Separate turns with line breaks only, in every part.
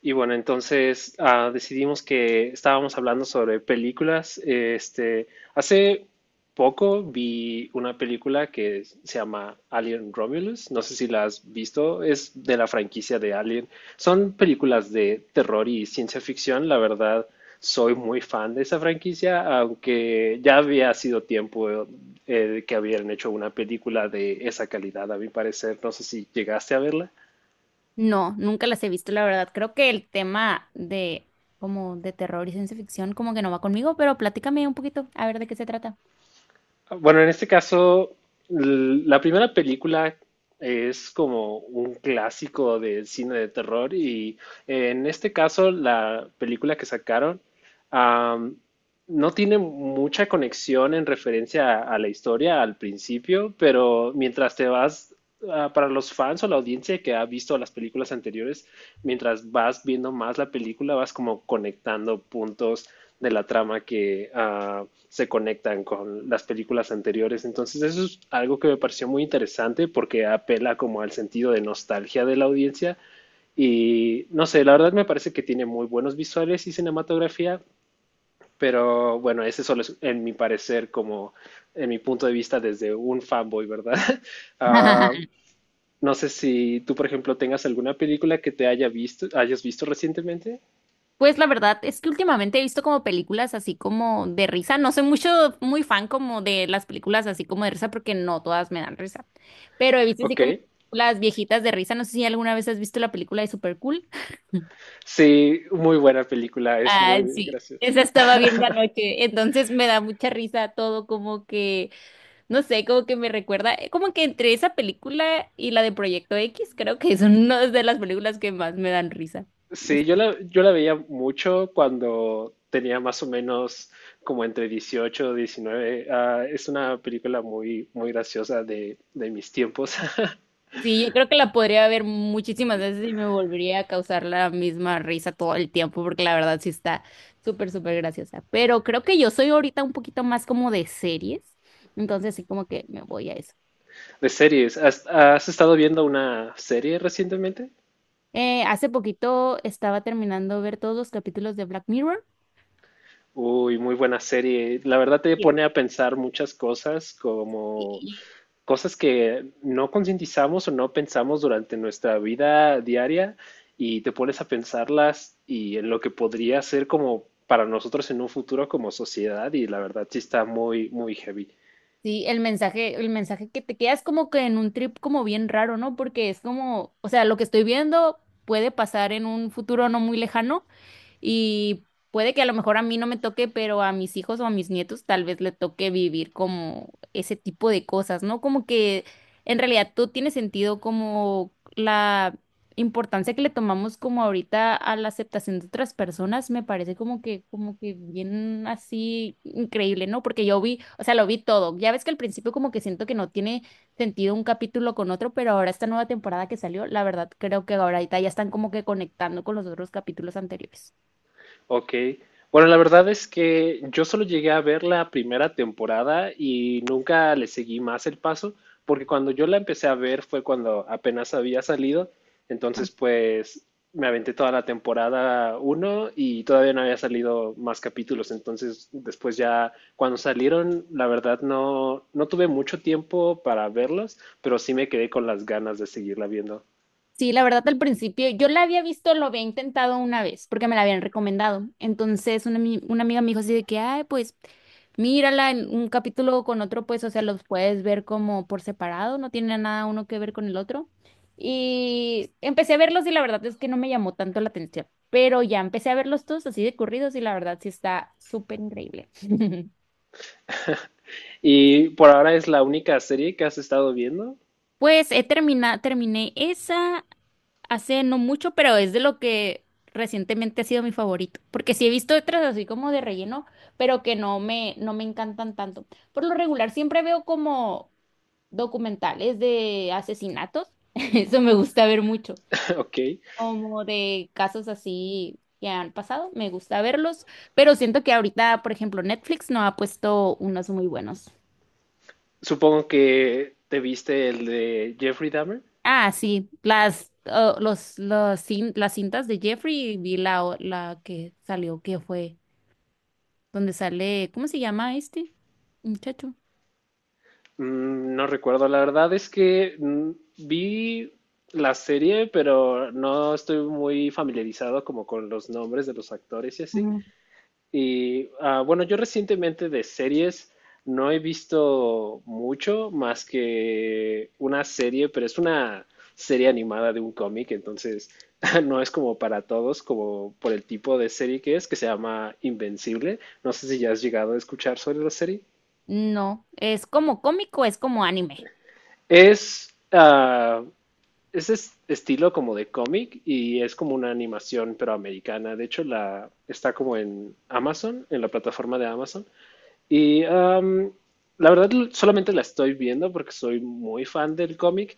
Y bueno, entonces decidimos que estábamos hablando sobre películas. Hace poco vi una película que se llama Alien Romulus. No sé si la has visto. Es de la franquicia de Alien. Son películas de terror y ciencia ficción. La verdad, soy muy fan de esa franquicia, aunque ya había sido tiempo que habían hecho una película de esa calidad, a mi parecer. No sé si llegaste a verla.
No, nunca las he visto, la verdad. Creo que el tema de como de terror y ciencia ficción como que no va conmigo, pero platícame un poquito a ver de qué se trata.
Bueno, en este caso, la primera película es como un clásico del cine de terror y en este caso la película que sacaron am, no tiene mucha conexión en referencia a la historia al principio, pero mientras te vas, para los fans o la audiencia que ha visto las películas anteriores, mientras vas viendo más la película, vas como conectando puntos de la trama que se conectan con las películas anteriores. Entonces eso es algo que me pareció muy interesante porque apela como al sentido de nostalgia de la audiencia y no sé, la verdad me parece que tiene muy buenos visuales y cinematografía, pero bueno, ese solo es en mi parecer como en mi punto de vista desde un fanboy, ¿verdad? Ah, no sé si tú, por ejemplo, tengas alguna película que hayas visto recientemente.
Pues la verdad es que últimamente he visto como películas así como de risa. No soy mucho, muy fan como de las películas así como de risa porque no todas me dan risa. Pero he visto así
Ok.
como las viejitas de risa. No sé si alguna vez has visto la película de Super Cool.
Sí, muy buena película, es
Ah,
muy
sí,
graciosa.
esa estaba viendo anoche, entonces me da mucha risa todo como que. No sé, como que me recuerda, como que entre esa película y la de Proyecto X, creo que son una de las películas que más me dan risa.
Sí, yo
Este,
la, yo la veía mucho cuando tenía más o menos como entre 18 y 19. Ah, es una película muy, muy graciosa de mis tiempos.
sí, yo creo que la podría ver muchísimas veces y me volvería a causar la misma risa todo el tiempo, porque la verdad sí está súper, súper graciosa. Pero creo que yo soy ahorita un poquito más como de series, entonces sí como que me voy a eso.
De series. ¿Has, has estado viendo una serie recientemente?
Hace poquito estaba terminando ver todos los capítulos de Black Mirror.
Uy, muy buena serie. La verdad te pone a pensar muchas cosas como
Y
cosas que no concientizamos o no pensamos durante nuestra vida diaria y te pones a pensarlas y en lo que podría ser como para nosotros en un futuro como sociedad y la verdad sí está muy, muy heavy.
sí, el mensaje que te quedas como que en un trip como bien raro, ¿no? Porque es como, o sea, lo que estoy viendo puede pasar en un futuro no muy lejano, y puede que a lo mejor a mí no me toque, pero a mis hijos o a mis nietos tal vez le toque vivir como ese tipo de cosas, ¿no? Como que en realidad todo tiene sentido como la importancia que le tomamos como ahorita a la aceptación de otras personas, me parece como que bien así increíble, ¿no? Porque yo vi, o sea, lo vi todo. Ya ves que al principio como que siento que no tiene sentido un capítulo con otro, pero ahora esta nueva temporada que salió, la verdad creo que ahorita ya están como que conectando con los otros capítulos anteriores.
Ok. Bueno, la verdad es que yo solo llegué a ver la primera temporada y nunca le seguí más el paso, porque cuando yo la empecé a ver fue cuando apenas había salido,
Ah,
entonces pues me aventé toda la temporada uno y todavía no había salido más capítulos, entonces después ya cuando salieron, la verdad no, no tuve mucho tiempo para verlos, pero sí me quedé con las ganas de seguirla viendo.
sí, la verdad al principio yo la había visto, lo había intentado una vez porque me la habían recomendado. Entonces una, una amiga me dijo así de que, ay, pues mírala en un capítulo con otro, pues o sea, los puedes ver como por separado, no tiene nada uno que ver con el otro. Y empecé a verlos y la verdad es que no me llamó tanto la atención, pero ya empecé a verlos todos así de corridos y la verdad sí está súper increíble.
¿Y por ahora es la única serie que has estado viendo?
Pues terminé esa hace no mucho, pero es de lo que recientemente ha sido mi favorito, porque sí he visto otras así como de relleno, pero que no me, no me encantan tanto. Por lo regular siempre veo como documentales de asesinatos, eso me gusta ver mucho,
Ok.
como de casos así que han pasado, me gusta verlos, pero siento que ahorita, por ejemplo, Netflix no ha puesto unos muy buenos.
Supongo que te viste el de Jeffrey Dahmer.
Ah, sí, las, oh, los cin- las cintas de Jeffrey, vi la que salió, que fue, donde sale, ¿cómo se llama este muchacho?
No recuerdo, la verdad es que vi la serie, pero no estoy muy familiarizado como con los nombres de los actores y así.
Ujú.
Y bueno, yo recientemente de series no he visto mucho más que una serie, pero es una serie animada de un cómic, entonces no es como para todos, como por el tipo de serie que es, que se llama Invencible. No sé si ya has llegado a escuchar sobre la serie.
No, es como cómico, es como anime.
Es, ah, es- estilo como de cómic y es como una animación pero americana. De hecho, la está como en Amazon, en la plataforma de Amazon. Y la verdad solamente la estoy viendo porque soy muy fan del cómic,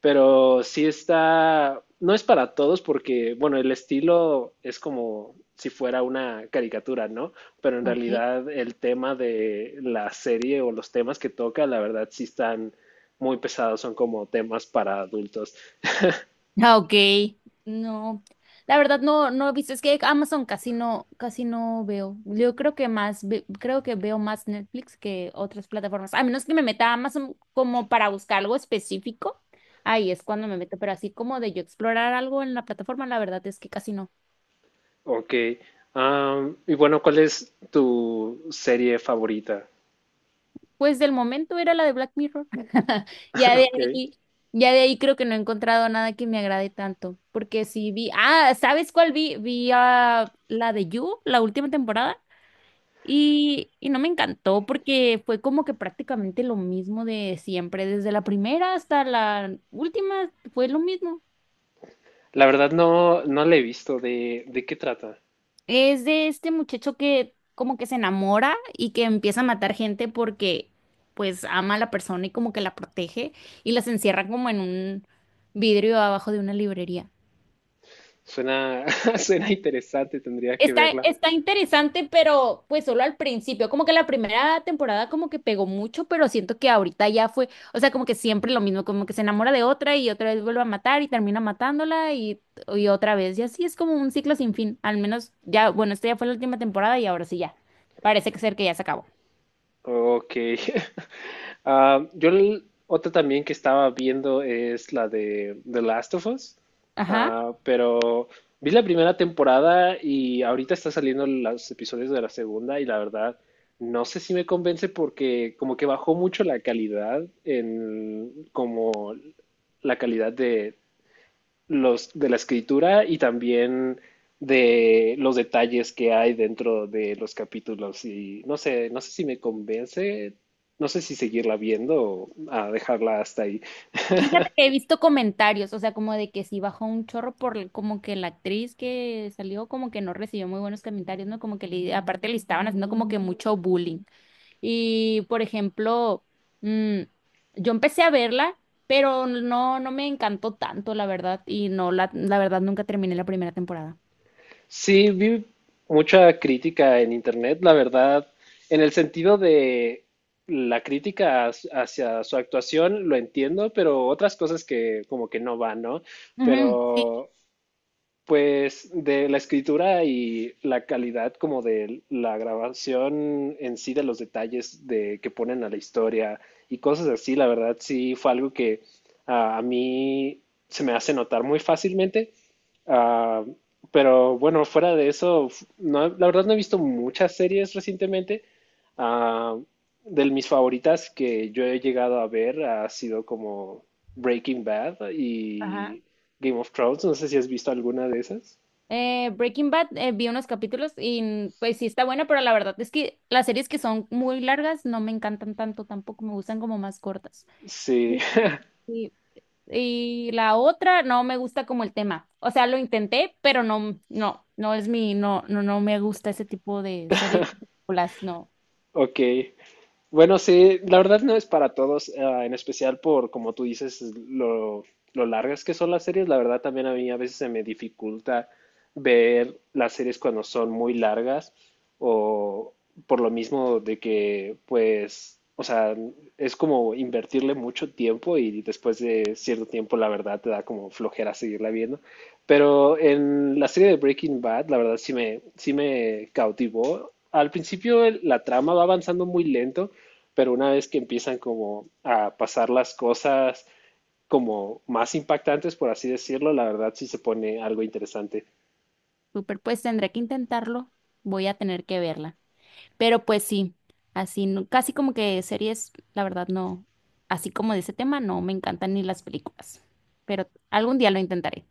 pero sí está, no es para todos porque, bueno, el estilo es como si fuera una caricatura, ¿no? Pero en
Ok.
realidad el tema de la serie o los temas que toca, la verdad sí están muy pesados, son como temas para adultos.
Ah, ok. No, la verdad no, no he visto. Es que Amazon casi no veo. Yo creo que creo que veo más Netflix que otras plataformas. A menos que me meta a Amazon como para buscar algo específico. Ahí es cuando me meto, pero así como de yo explorar algo en la plataforma, la verdad es que casi no.
Ok. Y bueno, ¿cuál es tu serie favorita?
Pues del momento era la de Black Mirror. Ya de
Ok.
ahí, ya de ahí creo que no he encontrado nada que me agrade tanto. Porque sí vi, ah, ¿sabes cuál vi? Vi ah, la de You, la última temporada. Y no me encantó porque fue como que prácticamente lo mismo de siempre, desde la primera hasta la última fue lo mismo.
La verdad no, no la he visto. De qué trata?
Es de este muchacho que como que se enamora y que empieza a matar gente porque pues ama a la persona y como que la protege y las encierra como en un vidrio abajo de una librería.
Suena, suena interesante, tendría que
Está,
verla.
está interesante, pero pues solo al principio, como que la primera temporada como que pegó mucho, pero siento que ahorita ya fue, o sea, como que siempre lo mismo, como que se enamora de otra y otra vez vuelve a matar y termina matándola y otra vez, y así es como un ciclo sin fin, al menos ya, bueno, esta ya fue la última temporada y ahora sí ya, parece que ser que ya se acabó.
Ok. Ah, yo otra también que estaba viendo es la de The Last of Us.
Ajá.
Ah, pero vi la primera temporada y ahorita está saliendo los episodios de la segunda y la verdad no sé si me convence porque como que bajó mucho la calidad en como la calidad de, los de la escritura y también de los detalles que hay dentro de los capítulos y no sé, no sé si me convence, no sé si seguirla viendo o a dejarla hasta ahí.
Fíjate que he visto comentarios, o sea, como de que sí bajó un chorro por como que la actriz que salió como que no recibió muy buenos comentarios, ¿no? Como que le, aparte le estaban haciendo como que mucho bullying. Y, por ejemplo, mm, yo empecé a verla, pero no, no me encantó tanto, la verdad, y no, la verdad nunca terminé la primera temporada.
Sí, vi mucha crítica en internet, la verdad, en el sentido de la crítica hacia su actuación, lo entiendo, pero otras cosas que como que no van, ¿no?
Ujú, sí.
Pero Pues de la escritura y la calidad como de la grabación en sí de los detalles de que ponen a la historia y cosas así, la verdad sí fue algo que a mí se me hace notar muy fácilmente. Ah, pero bueno, fuera de eso, no, la verdad no he visto muchas series recientemente. Ah, de mis favoritas que yo he llegado a ver ha sido como Breaking Bad
Ajá.
y Game of Thrones. No sé si has visto alguna de esas.
Breaking Bad, vi unos capítulos y pues sí está buena, pero la verdad es que las series que son muy largas no me encantan tanto, tampoco me gustan como más cortas.
Sí,
Sí, sí. Y la otra no me gusta como el tema. O sea, lo intenté, pero no, no me gusta ese tipo de series, películas, no.
ok. Bueno, sí, la verdad no es para todos, en especial por, como tú dices, lo, lo largas que son las series. La verdad también a mí a veces se me dificulta ver las series cuando son muy largas o por lo mismo de que, pues, o sea, es como invertirle mucho tiempo y después de cierto tiempo la verdad te da como flojera seguirla viendo. Pero en la serie de Breaking Bad, la verdad sí me cautivó. Al principio la trama va avanzando muy lento pero una vez que empiezan como a pasar las cosas como más impactantes, por así decirlo, la verdad sí se pone algo interesante.
Super, pues tendré que intentarlo. Voy a tener que verla. Pero pues sí, así, casi como que series, la verdad no, así como de ese tema, no me encantan ni las películas. Pero algún día lo intentaré.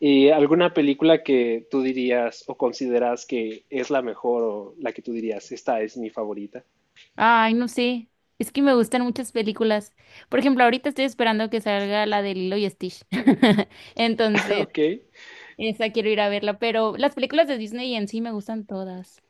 ¿Y alguna película que tú dirías o consideras que es la mejor o la que tú dirías, esta es mi favorita?
Ay, no sé. Es que me gustan muchas películas. Por ejemplo, ahorita estoy esperando que salga la de Lilo y Stitch. Entonces.
Ok.
Esa quiero ir a verla, pero las películas de Disney en sí me gustan todas.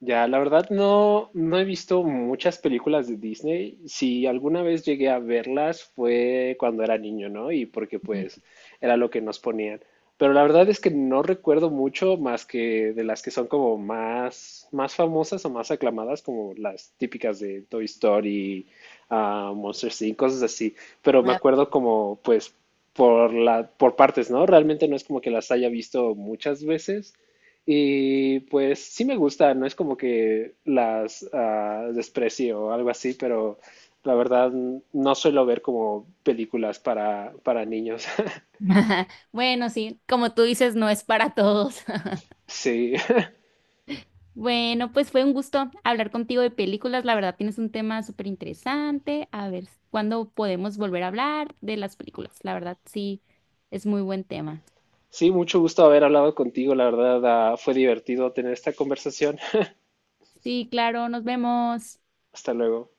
Ya, la verdad no, no he visto muchas películas de Disney. Si alguna vez llegué a verlas fue cuando era niño, ¿no? Y porque
Ujú.
pues era lo que nos ponían. Pero la verdad es que no recuerdo mucho más que de las que son como más, más famosas o más aclamadas, como las típicas de Toy Story, Monsters Inc., cosas así. Pero me acuerdo como pues por la, por partes, ¿no? Realmente no es como que las haya visto muchas veces. Y pues sí me gusta, no es como que las desprecie o algo así, pero la verdad no suelo ver como películas para niños.
Bueno, sí, como tú dices, no es para todos.
Sí,
Bueno, pues fue un gusto hablar contigo de películas. La verdad, tienes un tema súper interesante. A ver, ¿cuándo podemos volver a hablar de las películas? La verdad, sí, es muy buen tema.
sí, mucho gusto haber hablado contigo, la verdad fue divertido tener esta conversación.
Sí, claro, nos vemos.
Hasta luego.